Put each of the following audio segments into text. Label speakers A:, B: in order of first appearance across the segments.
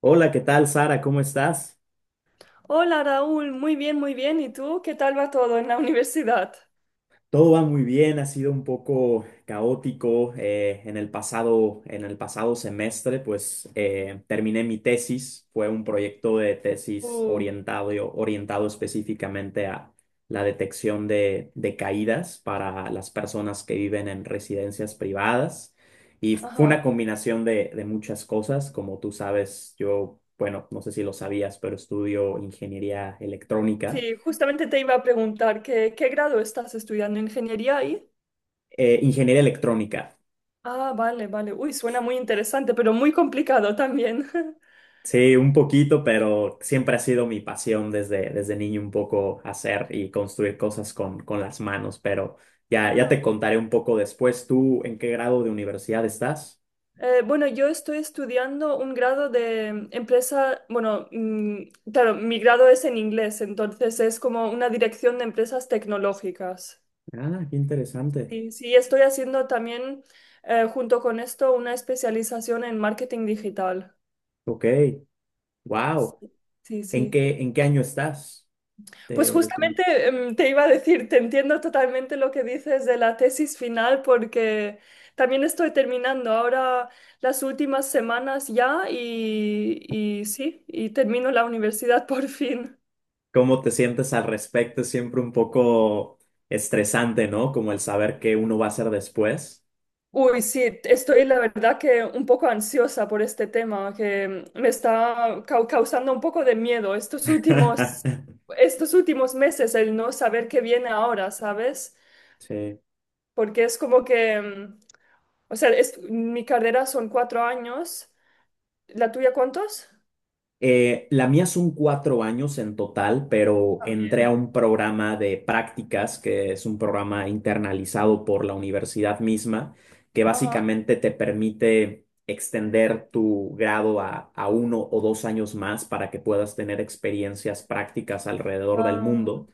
A: Hola, ¿qué tal, Sara? ¿Cómo estás?
B: Hola Raúl, muy bien, muy bien. ¿Y tú? ¿Qué tal va todo en la universidad?
A: Todo va muy bien, ha sido un poco caótico en el pasado, semestre, pues terminé mi tesis, fue un proyecto de tesis
B: Uh,
A: orientado, específicamente a la detección de caídas para las personas que viven en residencias privadas y fue una
B: ajá.
A: combinación de muchas cosas, como tú sabes, yo, bueno, no sé si lo sabías, pero estudio ingeniería electrónica.
B: Sí, justamente te iba a preguntar que, ¿qué grado estás estudiando? ¿Ingeniería ahí?
A: Ingeniería electrónica.
B: Ah, vale, vale. Uy, suena muy interesante, pero muy complicado también.
A: Sí, un poquito, pero siempre ha sido mi pasión desde niño un poco hacer y construir cosas con las manos, pero ya, ya
B: Ah,
A: te contaré un poco después. ¿Tú en qué grado de universidad estás?
B: bueno, yo estoy estudiando un grado de empresa, bueno, claro, mi grado es en inglés, entonces es como una dirección de empresas tecnológicas.
A: Ah, qué interesante.
B: Sí, sí, estoy haciendo también junto con esto una especialización en marketing digital.
A: Ok, wow.
B: Sí, sí,
A: ¿En
B: sí.
A: qué, en qué año estás
B: Pues
A: de tu...?
B: justamente te iba a decir, te entiendo totalmente lo que dices de la tesis final porque también estoy terminando ahora las últimas semanas ya y sí, y termino la universidad por fin.
A: ¿Cómo te sientes al respecto? Es siempre un poco estresante, ¿no? Como el saber qué uno va a hacer después.
B: Uy, sí, estoy la verdad que un poco ansiosa por este tema, que me está causando un poco de miedo estos últimos meses, el no saber qué viene ahora, ¿sabes?
A: Sí.
B: Porque es como que, o sea, mi carrera son cuatro años, ¿la tuya cuántos?
A: La mía son 4 años en total, pero entré a
B: También.
A: un programa de prácticas, que es un programa internalizado por la universidad misma, que
B: Ajá.
A: básicamente te permite extender tu grado a 1 o 2 años más para que puedas tener experiencias prácticas alrededor del
B: Ah,
A: mundo.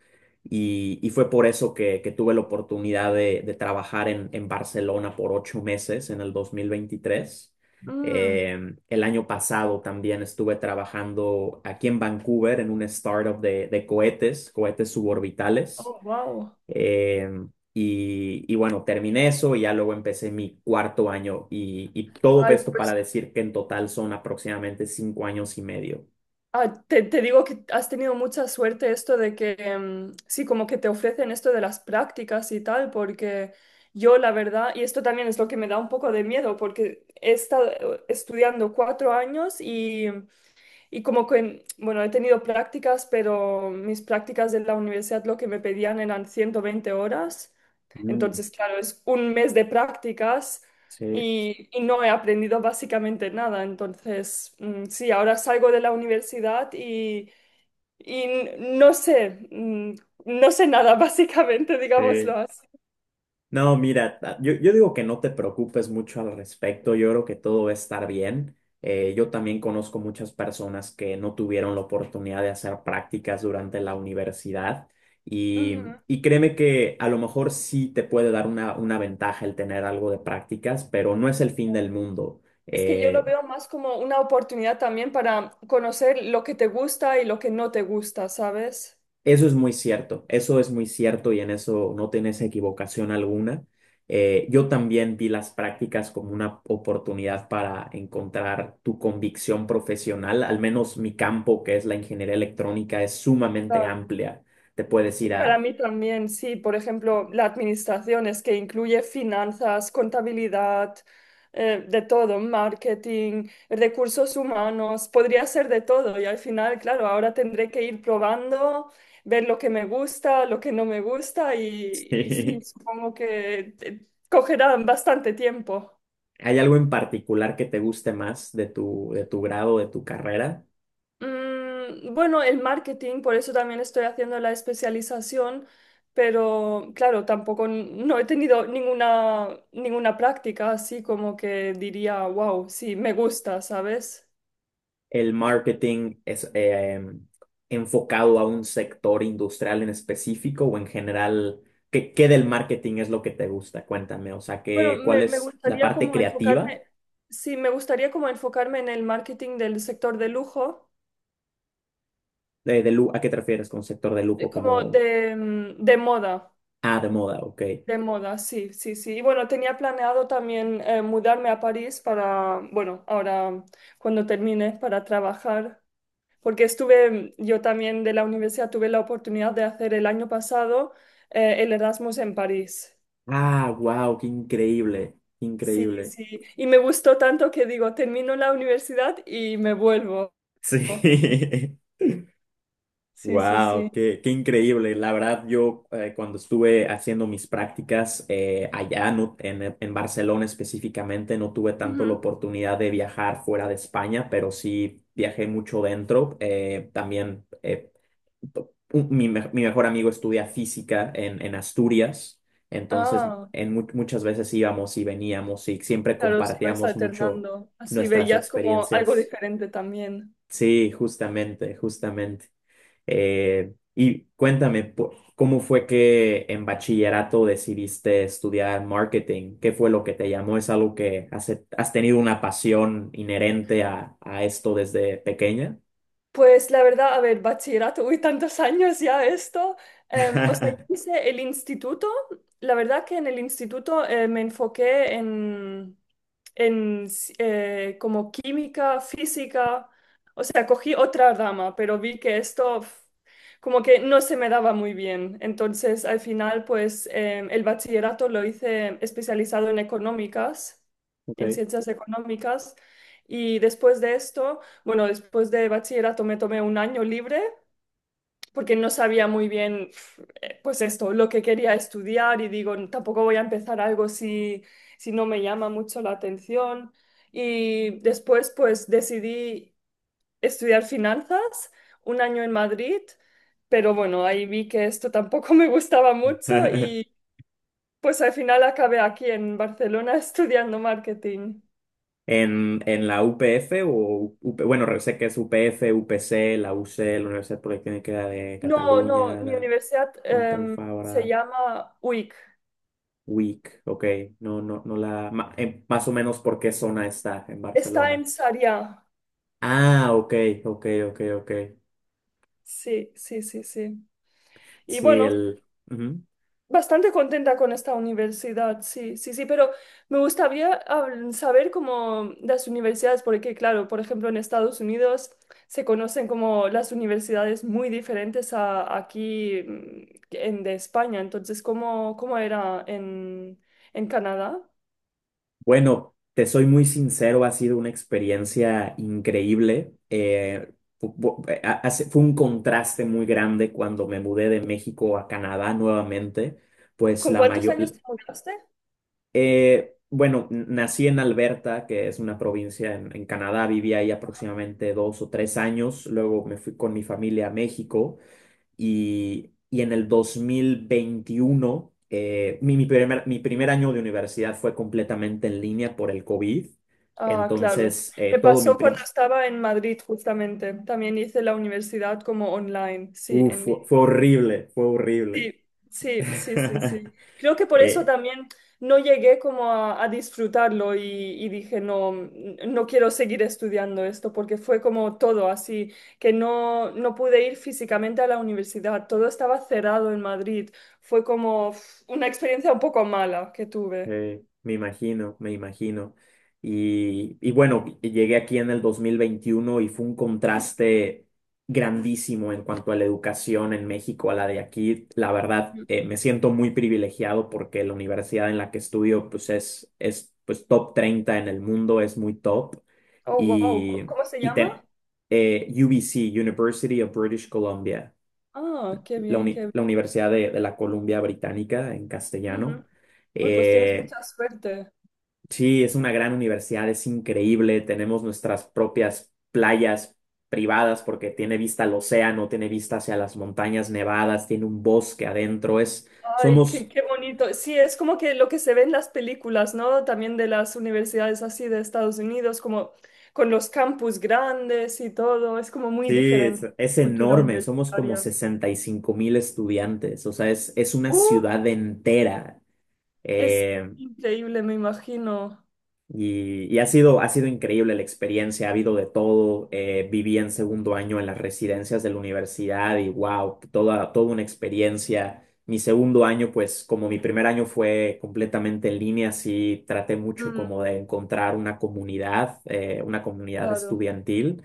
A: Y fue por eso que tuve la oportunidad de trabajar en Barcelona por 8 meses en el 2023.
B: mm,
A: El año pasado también estuve trabajando aquí en Vancouver en una startup de cohetes, cohetes suborbitales.
B: oh, wow.
A: Eh, y bueno, terminé eso y ya luego empecé mi cuarto año y todo
B: Ay,
A: esto para
B: pues
A: decir que en total son aproximadamente 5 años y medio.
B: ah, te digo que has tenido mucha suerte esto de que, sí, como que te ofrecen esto de las prácticas y tal, porque yo la verdad, y esto también es lo que me da un poco de miedo, porque he estado estudiando cuatro años y como que, bueno, he tenido prácticas, pero mis prácticas de la universidad lo que me pedían eran 120 horas.
A: Mm,
B: Entonces, claro, es un mes de prácticas
A: sí,
B: y no he aprendido básicamente nada. Entonces, mm, sí, ahora salgo de la universidad y no sé, mm, no sé nada básicamente,
A: sí.
B: digámoslo así.
A: No, mira, yo digo que no te preocupes mucho al respecto, yo creo que todo va a estar bien. Yo también conozco muchas personas que no tuvieron la oportunidad de hacer prácticas durante la universidad y,
B: Ujú.
A: y créeme que a lo mejor sí te puede dar una ventaja el tener algo de prácticas, pero no es el fin del mundo.
B: Es que yo lo
A: Eh,
B: veo más como una oportunidad también para conocer lo que te gusta y lo que no te gusta, ¿sabes?
A: Eso es muy cierto, eso es muy cierto y en eso no tienes equivocación alguna. Yo también vi las prácticas como una oportunidad para encontrar tu convicción profesional, al menos mi campo, que es la ingeniería electrónica, es sumamente amplia. Te puedes ir
B: Para
A: a...
B: mí también, sí, por ejemplo, la administración es que incluye finanzas, contabilidad, de todo, marketing, recursos humanos, podría ser de todo y al final, claro, ahora tendré que ir probando, ver lo que me gusta, lo que no me gusta y sí,
A: Sí.
B: supongo que cogerá bastante tiempo.
A: ¿Hay algo en particular que te guste más de tu grado, de tu carrera?
B: Mm, bueno, el marketing, por eso también estoy haciendo la especialización, pero claro, tampoco no he tenido ninguna práctica así como que diría, wow, sí, me gusta, ¿sabes?
A: ¿El marketing es enfocado a un sector industrial en específico o en general? ¿Qué del marketing es lo que te gusta? Cuéntame, o sea,
B: Bueno,
A: cuál
B: me
A: es la
B: gustaría
A: parte
B: como
A: creativa?
B: enfocarme, sí, me gustaría como enfocarme en el marketing del sector de lujo,
A: ¿A qué te refieres con sector de lujo?
B: como
A: Como,
B: de, mm, de moda.
A: ah, de moda, ok.
B: De moda, sí, sí, sí. Y bueno, tenía planeado también mudarme a París para, bueno, ahora cuando termine, para trabajar, porque estuve, yo también de la universidad tuve la oportunidad de hacer el año pasado el Erasmus en París.
A: Ah, wow, qué increíble, qué
B: Sí,
A: increíble.
B: sí. Y me gustó tanto que digo, termino la universidad y me vuelvo.
A: Sí.
B: Sí, sí,
A: Wow,
B: sí.
A: qué increíble. La verdad, yo cuando estuve haciendo mis prácticas allá no- en Barcelona específicamente, no tuve tanto la
B: Ujú.
A: oportunidad de viajar fuera de España, pero sí viajé mucho dentro. También mi mejor amigo estudia física en Asturias, entonces
B: Ah,
A: muchas veces íbamos y veníamos y siempre
B: claro, sí, vais
A: compartíamos mucho
B: alternando. Así
A: nuestras
B: veías como algo
A: experiencias.
B: diferente también.
A: Sí, justamente, justamente. Y cuéntame, ¿cómo fue que en bachillerato decidiste estudiar marketing? ¿Qué fue lo que te llamó? ¿Es algo que has tenido una pasión inherente a esto desde pequeña?
B: Pues la verdad, a ver, bachillerato, uy, tantos años ya esto. O sea, yo hice el instituto, la verdad que en el instituto me enfoqué en como química, física, o sea, cogí otra rama, pero vi que esto pf, como que no se me daba muy bien. Entonces, al final, pues el bachillerato lo hice especializado en económicas,
A: Ok.
B: en ciencias económicas, y después de esto... Bueno, después de bachillerato me tomé un año libre porque no sabía muy bien, pf, pues esto, lo que quería estudiar y digo, tampoco voy a empezar algo si, si no me llama mucho la atención. Y después, pues decidí estudiar finanzas un año en Madrid, pero bueno, ahí vi que esto tampoco me gustaba mucho y pues al final acabé aquí en Barcelona estudiando marketing.
A: ¿En la UPF o UP bueno, sé que es UPF, UPC, la UC, la Universidad Politécnica de
B: No, no,
A: Cataluña,
B: mi
A: la
B: universidad
A: Pompeu
B: se
A: Fabra,
B: llama UIC.
A: UIC, ok, no, no, no la, más o menos por qué zona está en
B: Está
A: Barcelona?
B: en Sarriá.
A: Ah, ok, ok, ok, ok.
B: Sí, sí, sí, sí. Y
A: Sí,
B: bueno,
A: el... ujú.
B: bastante contenta con esta universidad, sí, sí, sí, pero me gustaría saber cómo las universidades, porque claro, por ejemplo, en Estados Unidos se conocen como las universidades muy diferentes a aquí mm, en de España. Entonces, ¿cómo, cómo era en Canadá?
A: Bueno, te soy muy sincero, ha sido una experiencia increíble. Fue un contraste muy grande cuando me mudé de México a Canadá nuevamente. Pues
B: ¿Con
A: la
B: cuántos
A: mayor...
B: años te mudaste?
A: bueno, nací en Alberta, que es una provincia en Canadá, viví ahí aproximadamente 2 o 3 años, luego me fui con mi familia a México. Y en el 2021, mi primer año de universidad fue completamente en línea por el COVID.
B: Ah, claro.
A: Entonces,
B: Me
A: todo mi
B: pasó cuando
A: prim...
B: estaba en Madrid, justamente. También hice la universidad como online. Sí,
A: Uf,
B: en línea.
A: fue horrible, fue horrible.
B: Sí, sí, sí, sí, sí. Creo que por eso
A: Eh,
B: también no llegué como a disfrutarlo y dije, no, no quiero seguir estudiando esto, porque fue como todo así, que no, no pude ir físicamente a la universidad. Todo estaba cerrado en Madrid. Fue como uf, una experiencia un poco mala que tuve.
A: me imagino, me imagino. Y bueno, llegué aquí en el 2021 y fue un contraste grandísimo en cuanto a la educación en México a la de aquí. La verdad,
B: Mm.
A: me siento muy privilegiado porque la universidad en la que estudio pues es pues top 30 en el mundo, es muy top.
B: Oh, wow.
A: Y,
B: ¿Cómo se
A: y
B: llama?
A: te- UBC, University of British Columbia,
B: Ah, qué bien, qué bien.
A: la Universidad de la Columbia Británica en
B: Ujú.
A: castellano.
B: Uy, pues tienes
A: Eh,
B: mucha suerte.
A: Sí, es una gran universidad, es increíble. Tenemos nuestras propias playas privadas porque tiene vista al océano, tiene vista hacia las montañas nevadas, tiene un bosque adentro.
B: Ay, qué,
A: Somos,
B: qué bonito. Sí, es como que lo que se ve en las películas, ¿no? También de las universidades así de Estados Unidos, como con los campus grandes y todo. Es como muy
A: sí, es,
B: diferente
A: es
B: cultura
A: enorme. Somos como
B: universitaria.
A: 65.000 estudiantes. O sea, es una
B: Uh,
A: ciudad entera.
B: es
A: Eh,
B: increíble, me imagino.
A: y ha sido increíble la experiencia, ha habido de todo. Viví en segundo año en las residencias de la universidad y wow, toda, toda una experiencia. Mi segundo año, pues como mi primer año fue completamente en línea, sí traté mucho
B: Mm,
A: como de encontrar una comunidad
B: claro.
A: estudiantil.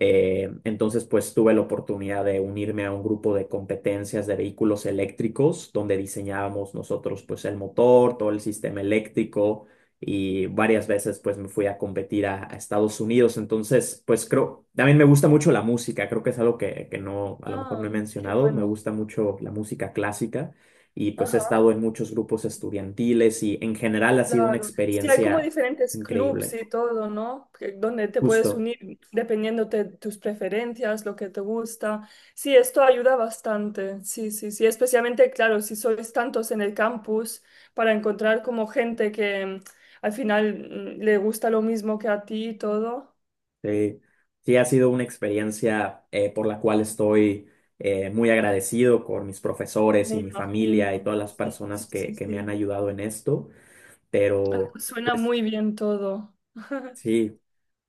A: Entonces, pues tuve la oportunidad de unirme a un grupo de competencias de vehículos eléctricos, donde diseñábamos nosotros pues el motor, todo el sistema eléctrico y varias veces pues me fui a competir a Estados Unidos. Entonces, pues creo, también me gusta mucho la música, creo que es algo que no, a lo mejor no
B: Ah,
A: he
B: qué
A: mencionado, me
B: bueno.
A: gusta mucho la música clásica y pues he
B: Ajá.
A: estado en muchos grupos estudiantiles y en general ha sido una
B: Claro, sí, hay como
A: experiencia
B: diferentes clubs
A: increíble.
B: y todo, ¿no? Que- Donde te puedes
A: Justo.
B: unir dependiendo de tus preferencias, lo que te gusta. Sí, esto ayuda bastante, sí, sí, sí, especialmente, claro, si sois tantos en el campus, para encontrar como gente que mm, al final mm, le gusta lo mismo que a ti y todo.
A: Sí, sí, ha sido una experiencia por la cual estoy muy agradecido con mis profesores
B: Me
A: y mi familia y
B: imagino,
A: todas las
B: sí, sí,
A: personas
B: sí,
A: que me han
B: sí.
A: ayudado en esto.
B: Ah,
A: Pero
B: suena muy bien todo.
A: sí,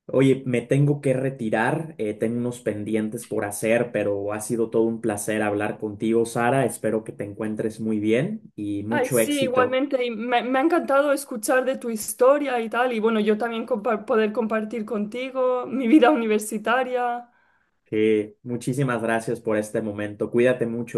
A: oye, me tengo que retirar, tengo unos pendientes por hacer, pero ha sido todo un placer hablar contigo, Sara. Espero que te encuentres muy bien y
B: Ay,
A: mucho
B: sí,
A: éxito.
B: igualmente, y me ha encantado escuchar de tu historia y tal, y bueno, yo también poder compartir contigo mi vida universitaria.
A: Sí, muchísimas gracias por este momento. Cuídate mucho.